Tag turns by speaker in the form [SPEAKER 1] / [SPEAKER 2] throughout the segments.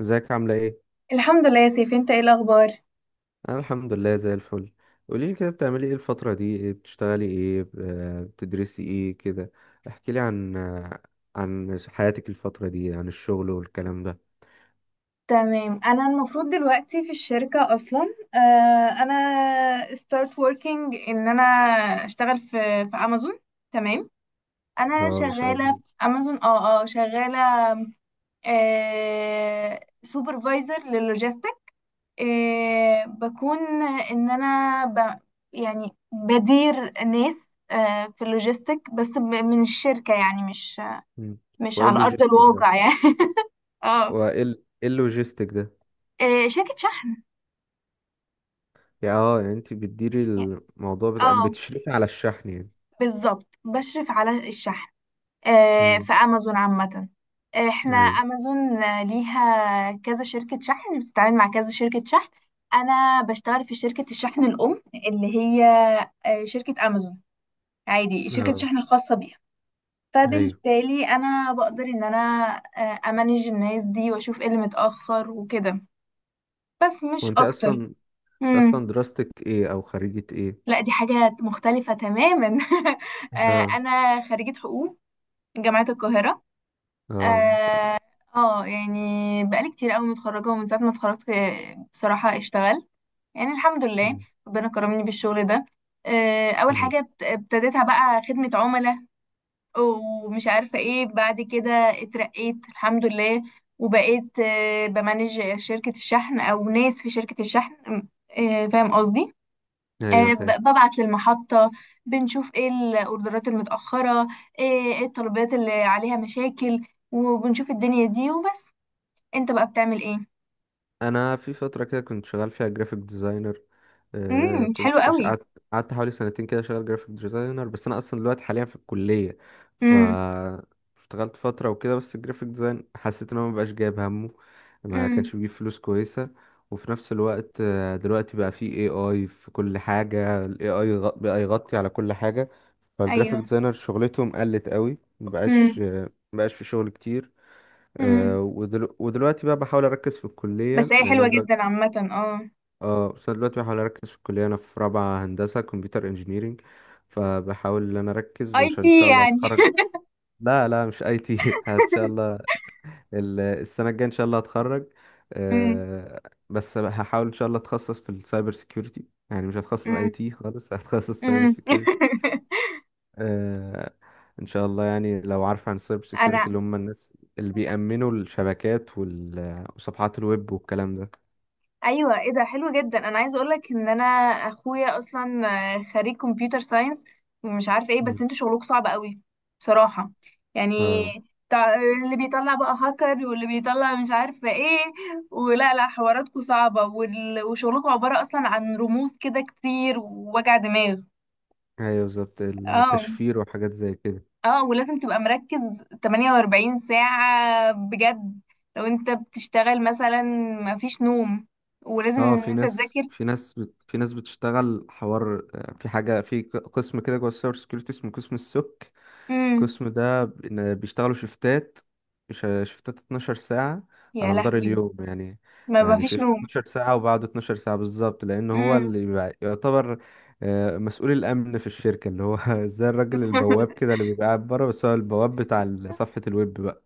[SPEAKER 1] ازيك عاملة ايه؟
[SPEAKER 2] الحمد لله يا سيف، انت ايه الاخبار؟
[SPEAKER 1] انا الحمد لله زي الفل. قوليلي كده بتعملي ايه الفترة دي، إيه بتشتغلي ايه بتدرسي ايه كده. احكيلي عن عن حياتك الفترة دي، عن الشغل والكلام ده.
[SPEAKER 2] تمام، انا المفروض دلوقتي في الشركة اصلا. انا start working ان انا اشتغل في امازون. تمام، انا
[SPEAKER 1] اه ما شاء
[SPEAKER 2] شغالة
[SPEAKER 1] الله.
[SPEAKER 2] في امازون. اه شغالة، سوبرفايزر للوجيستيك. بكون ان انا يعني بدير ناس، في اللوجيستيك، بس من الشركة، يعني مش
[SPEAKER 1] مم. وايه
[SPEAKER 2] على ارض
[SPEAKER 1] اللوجيستيك ده؟
[SPEAKER 2] الواقع يعني. اه،
[SPEAKER 1] وايه ال- ايه اللوجيستيك ده؟
[SPEAKER 2] شركة.
[SPEAKER 1] يا اه يعني انت بتديري
[SPEAKER 2] يعني-
[SPEAKER 1] الموضوع بتاع،
[SPEAKER 2] اه
[SPEAKER 1] بتشرفي على الشحن يعني.
[SPEAKER 2] بالظبط، بشرف على الشحن،
[SPEAKER 1] امم.
[SPEAKER 2] في امازون عامة. احنا
[SPEAKER 1] ايوه.
[SPEAKER 2] امازون ليها كذا شركة شحن، بتتعامل مع كذا شركة شحن. انا بشتغل في شركة الشحن الام، اللي هي شركة امازون، عادي، شركة
[SPEAKER 1] اه.
[SPEAKER 2] الشحن الخاصة بيها.
[SPEAKER 1] ايوه.
[SPEAKER 2] فبالتالي انا بقدر ان انا امانج الناس دي واشوف ايه اللي متأخر وكده، بس مش
[SPEAKER 1] وانت
[SPEAKER 2] اكتر.
[SPEAKER 1] اصلا،
[SPEAKER 2] مم.
[SPEAKER 1] اصلا دراستك ايه او خريجة ايه؟
[SPEAKER 2] لا، دي حاجة مختلفة تماما. آه،
[SPEAKER 1] اه.
[SPEAKER 2] انا خريجة حقوق، جامعة القاهرة.
[SPEAKER 1] اه ما شاء الله.
[SPEAKER 2] اه، يعني بقالي كتير قوي متخرجة، ومن ساعة ما اتخرجت بصراحة اشتغلت، يعني الحمد لله،
[SPEAKER 1] مم.
[SPEAKER 2] ربنا كرمني بالشغل ده. أول
[SPEAKER 1] ايوه.
[SPEAKER 2] حاجة ابتديتها بقى خدمة عملاء، ومش عارفة ايه بعد كده اترقيت الحمد لله، وبقيت بمانج شركة الشحن، أو ناس في شركة الشحن، فاهم قصدي.
[SPEAKER 1] ايوه فاهم.
[SPEAKER 2] ببعت للمحطة، بنشوف ايه الاوردرات المتأخرة، إيه الطلبات اللي عليها مشاكل، وبنشوف الدنيا دي وبس. انت بقى بتعمل ايه؟
[SPEAKER 1] انا في فتره كده كنت شغال فيها جرافيك ديزاينر، آه
[SPEAKER 2] امم،
[SPEAKER 1] كنت
[SPEAKER 2] حلو قوي.
[SPEAKER 1] قعدت، قعدت حوالي سنتين كده شغال جرافيك ديزاينر، بس انا اصلا دلوقتي حاليا في الكليه. ف
[SPEAKER 2] امم.
[SPEAKER 1] اشتغلت فتره وكده، بس الجرافيك ديزاين حسيت ان هو مبقاش جايب همه، ما
[SPEAKER 2] امم.
[SPEAKER 1] كانش بيجيب فلوس كويسه. وفي نفس الوقت دلوقتي بقى في اي اي، في كل حاجه الاي اي بقى يغطي على كل حاجه. فالجرافيك
[SPEAKER 2] ايوه.
[SPEAKER 1] ديزاينر شغلتهم قلت قوي،
[SPEAKER 2] امم.
[SPEAKER 1] مبقاش مبقاش في شغل كتير.
[SPEAKER 2] امم.
[SPEAKER 1] ودلوقتي بقى بحاول اركز في الكليه
[SPEAKER 2] بس هي
[SPEAKER 1] لان انا
[SPEAKER 2] حلوة جدا
[SPEAKER 1] دلوقتي،
[SPEAKER 2] عامة، اه.
[SPEAKER 1] اه بس أنا دلوقتي بحاول اركز في الكليه. انا في رابعه هندسه كمبيوتر انجينيرينج، فبحاول ان انا اركز
[SPEAKER 2] اي
[SPEAKER 1] عشان ان
[SPEAKER 2] تي
[SPEAKER 1] شاء الله
[SPEAKER 2] يعني؟
[SPEAKER 1] اتخرج. لا مش اي تي ان شاء الله السنه الجايه ان شاء الله هتخرج.
[SPEAKER 2] امم.
[SPEAKER 1] آه، بس هحاول ان شاء الله اتخصص في السايبر سيكيورتي، يعني مش هتخصص اي
[SPEAKER 2] امم.
[SPEAKER 1] تي خالص هتخصص سايبر
[SPEAKER 2] امم.
[SPEAKER 1] سيكيورتي. آه، ان شاء الله يعني لو عارف عن السايبر سيكيورتي،
[SPEAKER 2] انا،
[SPEAKER 1] اللي هم الناس اللي بيأمنوا الشبكات وصفحات الويب والكلام ده.
[SPEAKER 2] ايوه، ايه ده، حلو جدا، انا عايزه اقولك ان انا، اخويا اصلا خريج كمبيوتر ساينس ومش عارفه ايه، بس
[SPEAKER 1] مم.
[SPEAKER 2] انتوا شغلكم صعب قوي بصراحه، يعني
[SPEAKER 1] اه
[SPEAKER 2] تع- اللي بيطلع بقى هاكر، واللي بيطلع مش عارفه ايه، ولا لا، حواراتكم صعبه، وشغلكم عباره اصلا عن رموز كده كتير ووجع دماغ.
[SPEAKER 1] ايوه بالظبط،
[SPEAKER 2] اه.
[SPEAKER 1] التشفير وحاجات زي كده.
[SPEAKER 2] اه، ولازم تبقى مركز 48 ساعه بجد لو انت بتشتغل مثلا، مفيش نوم، ولازم
[SPEAKER 1] اه
[SPEAKER 2] ان
[SPEAKER 1] في
[SPEAKER 2] انت
[SPEAKER 1] ناس،
[SPEAKER 2] تذاكر.
[SPEAKER 1] في ناس بتشتغل حوار، في حاجه في قسم كده جوه السايبر سكيورتي اسمه قسم السك.
[SPEAKER 2] مم.
[SPEAKER 1] القسم ده إن بيشتغلوا شيفتات، شيفتات 12 ساعه
[SPEAKER 2] يا
[SPEAKER 1] على مدار
[SPEAKER 2] لهوي.
[SPEAKER 1] اليوم يعني.
[SPEAKER 2] ما
[SPEAKER 1] يعني
[SPEAKER 2] فيش
[SPEAKER 1] شيفت
[SPEAKER 2] نوم.
[SPEAKER 1] 12 ساعه وبعد 12 ساعه بالظبط لان هو
[SPEAKER 2] امم.
[SPEAKER 1] اللي بيبقى، يعتبر مسؤول الامن في الشركه، اللي هو زي الراجل البواب كده اللي بيبقى قاعد بره، بس هو البواب بتاع صفحه الويب.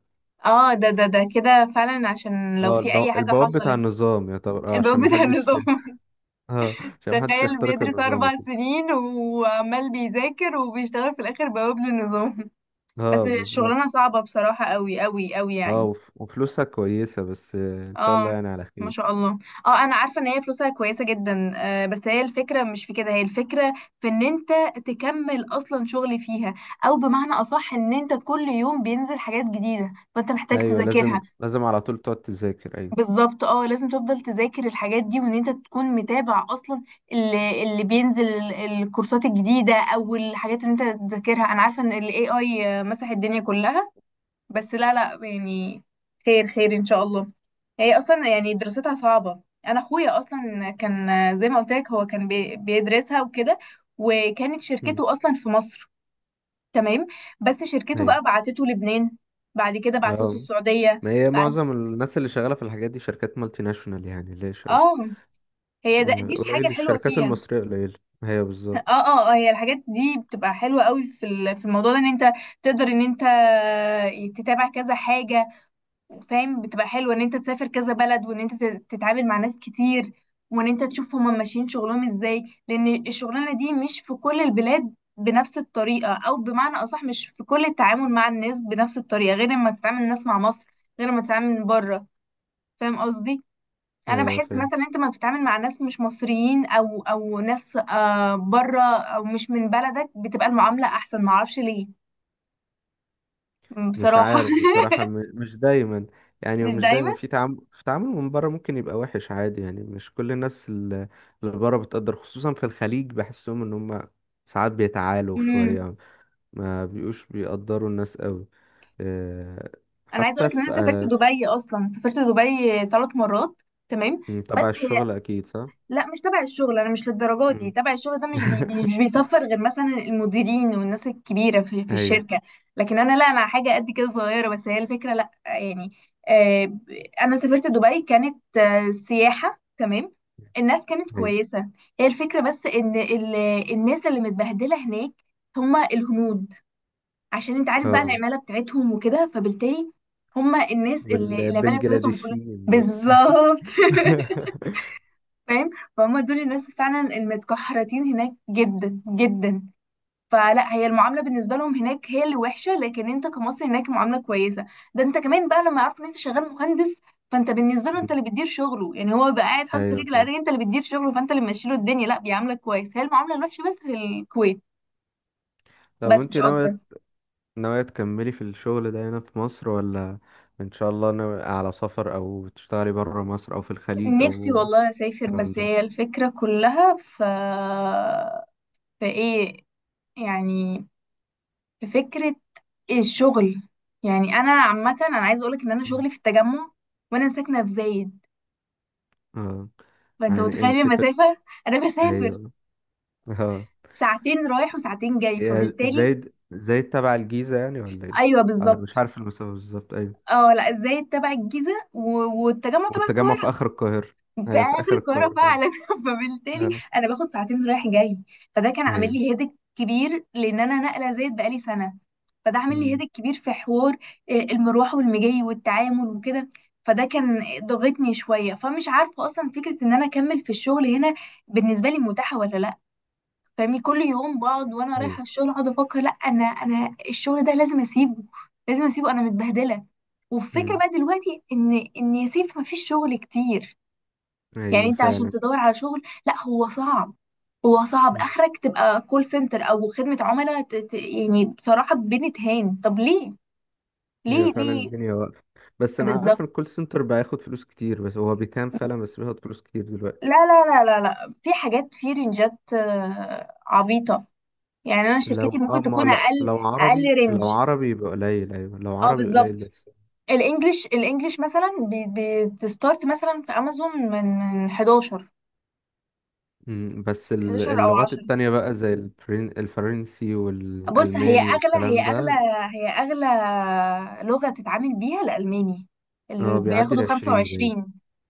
[SPEAKER 2] اه، ده كده فعلا، عشان لو
[SPEAKER 1] اه
[SPEAKER 2] في اي حاجه
[SPEAKER 1] البواب بتاع
[SPEAKER 2] حصلت.
[SPEAKER 1] النظام يعتبر، اه
[SPEAKER 2] الباب
[SPEAKER 1] عشان
[SPEAKER 2] بتاع
[SPEAKER 1] محدش،
[SPEAKER 2] النظام.
[SPEAKER 1] اه عشان محدش
[SPEAKER 2] تخيل
[SPEAKER 1] يخترق
[SPEAKER 2] بيدرس
[SPEAKER 1] النظام
[SPEAKER 2] اربع
[SPEAKER 1] وكده.
[SPEAKER 2] سنين وعمال بيذاكر وبيشتغل، في الاخر بواب للنظام. بس
[SPEAKER 1] اه بالظبط.
[SPEAKER 2] الشغلانه صعبه بصراحه قوي قوي قوي يعني.
[SPEAKER 1] وفلوسها كويسة، بس ان شاء الله
[SPEAKER 2] اه،
[SPEAKER 1] يعني على
[SPEAKER 2] ما
[SPEAKER 1] خير.
[SPEAKER 2] شاء الله. اه، انا عارفه ان هي فلوسها كويسه جدا، بس هي الفكره مش في كده، هي الفكره في ان انت تكمل اصلا شغل فيها، او بمعنى اصح ان انت كل يوم بينزل حاجات جديده فانت محتاج
[SPEAKER 1] ايوه لازم
[SPEAKER 2] تذاكرها.
[SPEAKER 1] لازم على طول تقعد تذاكر ايوه.
[SPEAKER 2] بالظبط، اه، لازم تفضل تذاكر الحاجات دي، وان انت تكون متابع اصلا اللي بينزل الكورسات الجديدة، او الحاجات اللي انت تذاكرها. انا عارفة ان ال AI مسح الدنيا كلها، بس لا لا يعني، خير خير ان شاء الله. هي اصلا يعني دراستها صعبة، انا اخويا اصلا كان، زي ما قلت لك، هو كان بيدرسها وكده، وكانت
[SPEAKER 1] مم.
[SPEAKER 2] شركته اصلا في مصر. تمام، بس شركته
[SPEAKER 1] ايوه.
[SPEAKER 2] بقى بعتته لبنان، بعد كده بعتته
[SPEAKER 1] اه
[SPEAKER 2] السعودية،
[SPEAKER 1] ما هي
[SPEAKER 2] بعد،
[SPEAKER 1] معظم الناس اللي شغالة في الحاجات دي شركات مالتي ناشونال، يعني ليه
[SPEAKER 2] اه، هي دي الحاجة
[SPEAKER 1] قليل،
[SPEAKER 2] الحلوة
[SPEAKER 1] الشركات
[SPEAKER 2] فيها.
[SPEAKER 1] المصرية قليلة ايوه بالظبط.
[SPEAKER 2] اه. اه، هي الحاجات دي بتبقى حلوة قوي في في الموضوع ده، ان انت تقدر ان انت تتابع كذا حاجة، فاهم، بتبقى حلوة ان انت تسافر كذا بلد، وان انت تتعامل مع ناس كتير، وان انت تشوف هما ماشيين شغلهم ازاي، لان الشغلانة دي مش في كل البلاد بنفس الطريقة، او بمعنى اصح مش في كل التعامل مع الناس بنفس الطريقة، غير لما تتعامل الناس مع مصر، غير لما تتعامل بره، فاهم قصدي. انا
[SPEAKER 1] ايوه
[SPEAKER 2] بحس
[SPEAKER 1] فاهم.
[SPEAKER 2] مثلا انت ما بتتعامل مع ناس مش مصريين، او ناس بره، او مش من بلدك، بتبقى المعامله احسن، ما اعرفش ليه.
[SPEAKER 1] مش
[SPEAKER 2] بصراحه.
[SPEAKER 1] عارف بصراحة، مش دايما يعني،
[SPEAKER 2] مش
[SPEAKER 1] ومش
[SPEAKER 2] دايما.
[SPEAKER 1] دايما في تعامل، في تعامل من بره ممكن يبقى وحش عادي، يعني مش كل الناس اللي اللي بره بتقدر، خصوصا في الخليج بحسهم ان هم ساعات بيتعالوا
[SPEAKER 2] امم.
[SPEAKER 1] شوية، ما بيقوش بيقدروا الناس قوي. آه،
[SPEAKER 2] انا عايزه اقول
[SPEAKER 1] حتى
[SPEAKER 2] لك ان انا
[SPEAKER 1] في
[SPEAKER 2] سافرت
[SPEAKER 1] آه،
[SPEAKER 2] دبي، اصلا سافرت دبي 3 مرات. تمام،
[SPEAKER 1] في-
[SPEAKER 2] بس
[SPEAKER 1] تبع الشغل اكيد صح؟
[SPEAKER 2] لا، مش تبع الشغل، انا مش للدرجات دي
[SPEAKER 1] مم.
[SPEAKER 2] تبع الشغل ده، مش بي مش بيصفر غير مثلا المديرين والناس الكبيره في
[SPEAKER 1] ايوه.
[SPEAKER 2] الشركه. لكن انا، لا، انا حاجه قد كده صغيره، بس هي الفكره، لا يعني. آه ب- انا سافرت دبي، كانت سياحه، تمام، الناس كانت
[SPEAKER 1] ايوه.
[SPEAKER 2] كويسه. هي الفكره بس ان الناس اللي متبهدله هناك هما الهنود، عشان انت عارف بقى
[SPEAKER 1] اه.
[SPEAKER 2] العماله بتاعتهم وكده، فبالتالي هما الناس اللي العماله بتاعتهم.
[SPEAKER 1] والبنجلاديشيين دول
[SPEAKER 2] بالظبط. فاهم، فهم دول الناس فعلا المتكحرتين هناك جدا جدا. فلا، هي المعامله بالنسبه لهم هناك هي اللي وحشه، لكن انت كمصري هناك معامله كويسه. ده انت كمان بقى لما عرفت ان انت شغال مهندس، فانت بالنسبه له انت
[SPEAKER 1] مم.
[SPEAKER 2] اللي بتدير شغله، يعني هو بقى قاعد حاطط
[SPEAKER 1] ايوه
[SPEAKER 2] رجل على
[SPEAKER 1] فاهم.
[SPEAKER 2] رجل، انت اللي بتدير شغله، فانت اللي ماشيله الدنيا، لا بيعاملك كويس. هي المعامله الوحشه بس في الكويت،
[SPEAKER 1] طب
[SPEAKER 2] بس
[SPEAKER 1] وانت
[SPEAKER 2] مش اكتر.
[SPEAKER 1] ناوية، ناوية تكملي في الشغل ده هنا في مصر، ولا إن شاء الله ناوية على سفر أو تشتغلي برا مصر أو في الخليج
[SPEAKER 2] نفسي
[SPEAKER 1] أو
[SPEAKER 2] والله اسافر،
[SPEAKER 1] الكلام
[SPEAKER 2] بس
[SPEAKER 1] ده.
[SPEAKER 2] هي الفكره كلها في ايه يعني، في فكرة الشغل. يعني أنا عامة، أنا عايزة أقولك إن أنا
[SPEAKER 1] مم.
[SPEAKER 2] شغلي في التجمع، وأنا ساكنة في زايد،
[SPEAKER 1] اه
[SPEAKER 2] فأنت
[SPEAKER 1] يعني
[SPEAKER 2] متخيل
[SPEAKER 1] أنت في،
[SPEAKER 2] المسافة. أنا بسافر
[SPEAKER 1] أيوه، اه.
[SPEAKER 2] ساعتين رايح وساعتين جاي،
[SPEAKER 1] يا
[SPEAKER 2] فبالتالي.
[SPEAKER 1] زايد، زايد تبع الجيزة يعني ولا إيه؟
[SPEAKER 2] أيوه،
[SPEAKER 1] أنا مش
[SPEAKER 2] بالظبط،
[SPEAKER 1] عارف المسافة بالظبط أيوه.
[SPEAKER 2] اه، لا، زايد تبع الجيزة، والتجمع تبع
[SPEAKER 1] والتجمع في
[SPEAKER 2] القاهرة،
[SPEAKER 1] آخر القاهرة،
[SPEAKER 2] في
[SPEAKER 1] أيوه في
[SPEAKER 2] اخر
[SPEAKER 1] آخر
[SPEAKER 2] القاهره
[SPEAKER 1] القاهرة برضه.
[SPEAKER 2] فعلا. فبالتالي
[SPEAKER 1] اه.
[SPEAKER 2] انا باخد ساعتين رايح جاي، فده كان عامل
[SPEAKER 1] أيوه.
[SPEAKER 2] لي هيدك كبير، لان انا نقله زيت بقالي سنه، فده عامل لي
[SPEAKER 1] مم.
[SPEAKER 2] هيدك كبير في حوار المروح والمجي والتعامل وكده، فده كان ضغطني شويه، فمش عارفه اصلا فكره ان انا اكمل في الشغل هنا بالنسبه لي متاحه ولا لا. فاهمني، كل يوم بقعد وانا رايحه
[SPEAKER 1] أيوه.
[SPEAKER 2] الشغل اقعد افكر، لا، انا، الشغل ده لازم اسيبه، لازم اسيبه، انا متبهدله. والفكره
[SPEAKER 1] مم.
[SPEAKER 2] بقى دلوقتي ان يا سيف مفيش شغل كتير. يعني
[SPEAKER 1] أيوه
[SPEAKER 2] انت عشان
[SPEAKER 1] فعلا.
[SPEAKER 2] تدور على شغل، لا هو صعب، هو صعب، اخرك تبقى كول سنتر او خدمة عملاء، يعني بصراحة بنتهان، طب ليه،
[SPEAKER 1] هي
[SPEAKER 2] ليه،
[SPEAKER 1] فعلا
[SPEAKER 2] ليه؟
[SPEAKER 1] الدنيا واقفة، بس أنا عارف
[SPEAKER 2] بالظبط.
[SPEAKER 1] إن الكول سنتر بياخد فلوس كتير، بس هو بيتهان فعلا، بس بياخد فلوس كتير
[SPEAKER 2] لا
[SPEAKER 1] دلوقتي.
[SPEAKER 2] لا لا لا لا، في حاجات، في رينجات عبيطة، يعني انا
[SPEAKER 1] لو
[SPEAKER 2] شركتي
[SPEAKER 1] اه،
[SPEAKER 2] ممكن
[SPEAKER 1] ما
[SPEAKER 2] تكون
[SPEAKER 1] لا
[SPEAKER 2] اقل،
[SPEAKER 1] لو عربي،
[SPEAKER 2] اقل
[SPEAKER 1] لو
[SPEAKER 2] رينج.
[SPEAKER 1] عربي يبقى قليل، أيوة لو
[SPEAKER 2] اه،
[SPEAKER 1] عربي قليل
[SPEAKER 2] بالظبط.
[SPEAKER 1] بس.
[SPEAKER 2] الانجليش مثلا بتستارت مثلا في امازون من 11
[SPEAKER 1] مم، بس
[SPEAKER 2] او
[SPEAKER 1] اللغات
[SPEAKER 2] 10.
[SPEAKER 1] التانية بقى زي الفرنسي
[SPEAKER 2] بص،
[SPEAKER 1] والألماني والكلام ده.
[SPEAKER 2] هي اغلى لغة تتعامل بيها الالماني، اللي
[SPEAKER 1] اه بيعدي
[SPEAKER 2] بياخدوا
[SPEAKER 1] العشرين باين.
[SPEAKER 2] 25.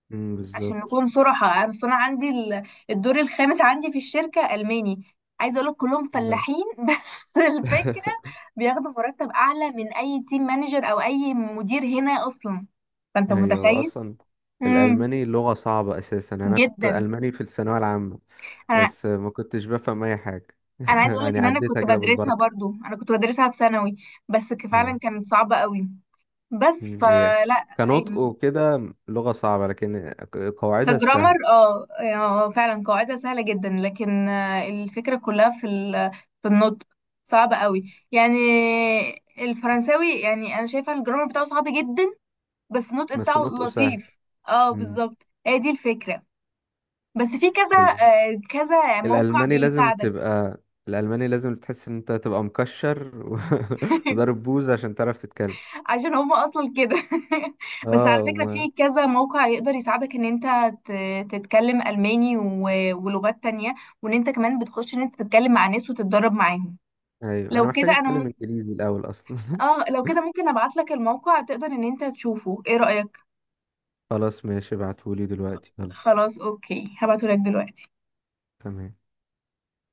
[SPEAKER 1] مم،
[SPEAKER 2] عشان
[SPEAKER 1] بالظبط.
[SPEAKER 2] نكون صراحة، انا انا عندي الدور الخامس عندي في الشركة الماني، عايزة اقول لك كلهم
[SPEAKER 1] لا.
[SPEAKER 2] فلاحين. بس الفكرة، بياخدوا مرتب اعلى من اي تيم مانجر او اي مدير هنا اصلا، فانت
[SPEAKER 1] أيوة
[SPEAKER 2] متخيل.
[SPEAKER 1] أصلا.
[SPEAKER 2] امم.
[SPEAKER 1] الألماني لغة صعبة أساسا، أنا كنت
[SPEAKER 2] جدا.
[SPEAKER 1] ألماني في الثانوية العامة،
[SPEAKER 2] انا
[SPEAKER 1] بس ما كنتش بفهم أي حاجة
[SPEAKER 2] انا عايزه اقول لك
[SPEAKER 1] يعني
[SPEAKER 2] ان انا
[SPEAKER 1] عديتها
[SPEAKER 2] كنت
[SPEAKER 1] كده
[SPEAKER 2] بدرسها
[SPEAKER 1] بالبركة.
[SPEAKER 2] برضو، انا كنت بدرسها في ثانوي، بس فعلا
[SPEAKER 1] اه.
[SPEAKER 2] كانت صعبه قوي، بس
[SPEAKER 1] مم، هي
[SPEAKER 2] فلا
[SPEAKER 1] كنطق
[SPEAKER 2] يعني.
[SPEAKER 1] وكده لغة صعبة، لكن قواعدها
[SPEAKER 2] كجرامر،
[SPEAKER 1] سهلة.
[SPEAKER 2] اه، فعلا قاعدة سهلة جدا، لكن الفكرة كلها في في النطق، صعب قوي يعني. الفرنساوي يعني انا شايفة الجرامر بتاعه صعب جدا، بس النطق
[SPEAKER 1] بس
[SPEAKER 2] بتاعه
[SPEAKER 1] نطقه سهل.
[SPEAKER 2] لطيف. اه،
[SPEAKER 1] مم.
[SPEAKER 2] بالظبط، هي دي الفكرة. بس في كذا،
[SPEAKER 1] ال...
[SPEAKER 2] كذا موقع
[SPEAKER 1] الألماني لازم
[SPEAKER 2] بيساعدك.
[SPEAKER 1] تبقى، الألماني لازم تحس إن أنت تبقى مكشر وضارب بوز عشان تعرف تتكلم.
[SPEAKER 2] عشان هما اصلا كده. بس على
[SPEAKER 1] اه
[SPEAKER 2] فكرة
[SPEAKER 1] وما...
[SPEAKER 2] في كذا موقع يقدر يساعدك ان انت تتكلم الماني ولغات تانية، وان انت كمان بتخش ان انت تتكلم مع ناس وتتدرب معاهم.
[SPEAKER 1] أيوة أنا
[SPEAKER 2] لو
[SPEAKER 1] محتاج
[SPEAKER 2] كده انا
[SPEAKER 1] أتكلم
[SPEAKER 2] م...
[SPEAKER 1] إنجليزي الأول أصلا
[SPEAKER 2] اه لو كده ممكن ابعت لك الموقع تقدر ان انت تشوفه، ايه رأيك؟
[SPEAKER 1] خلاص ماشي ابعتهولي دلوقتي يلا.
[SPEAKER 2] خلاص، اوكي، هبعته لك دلوقتي.
[SPEAKER 1] تمام.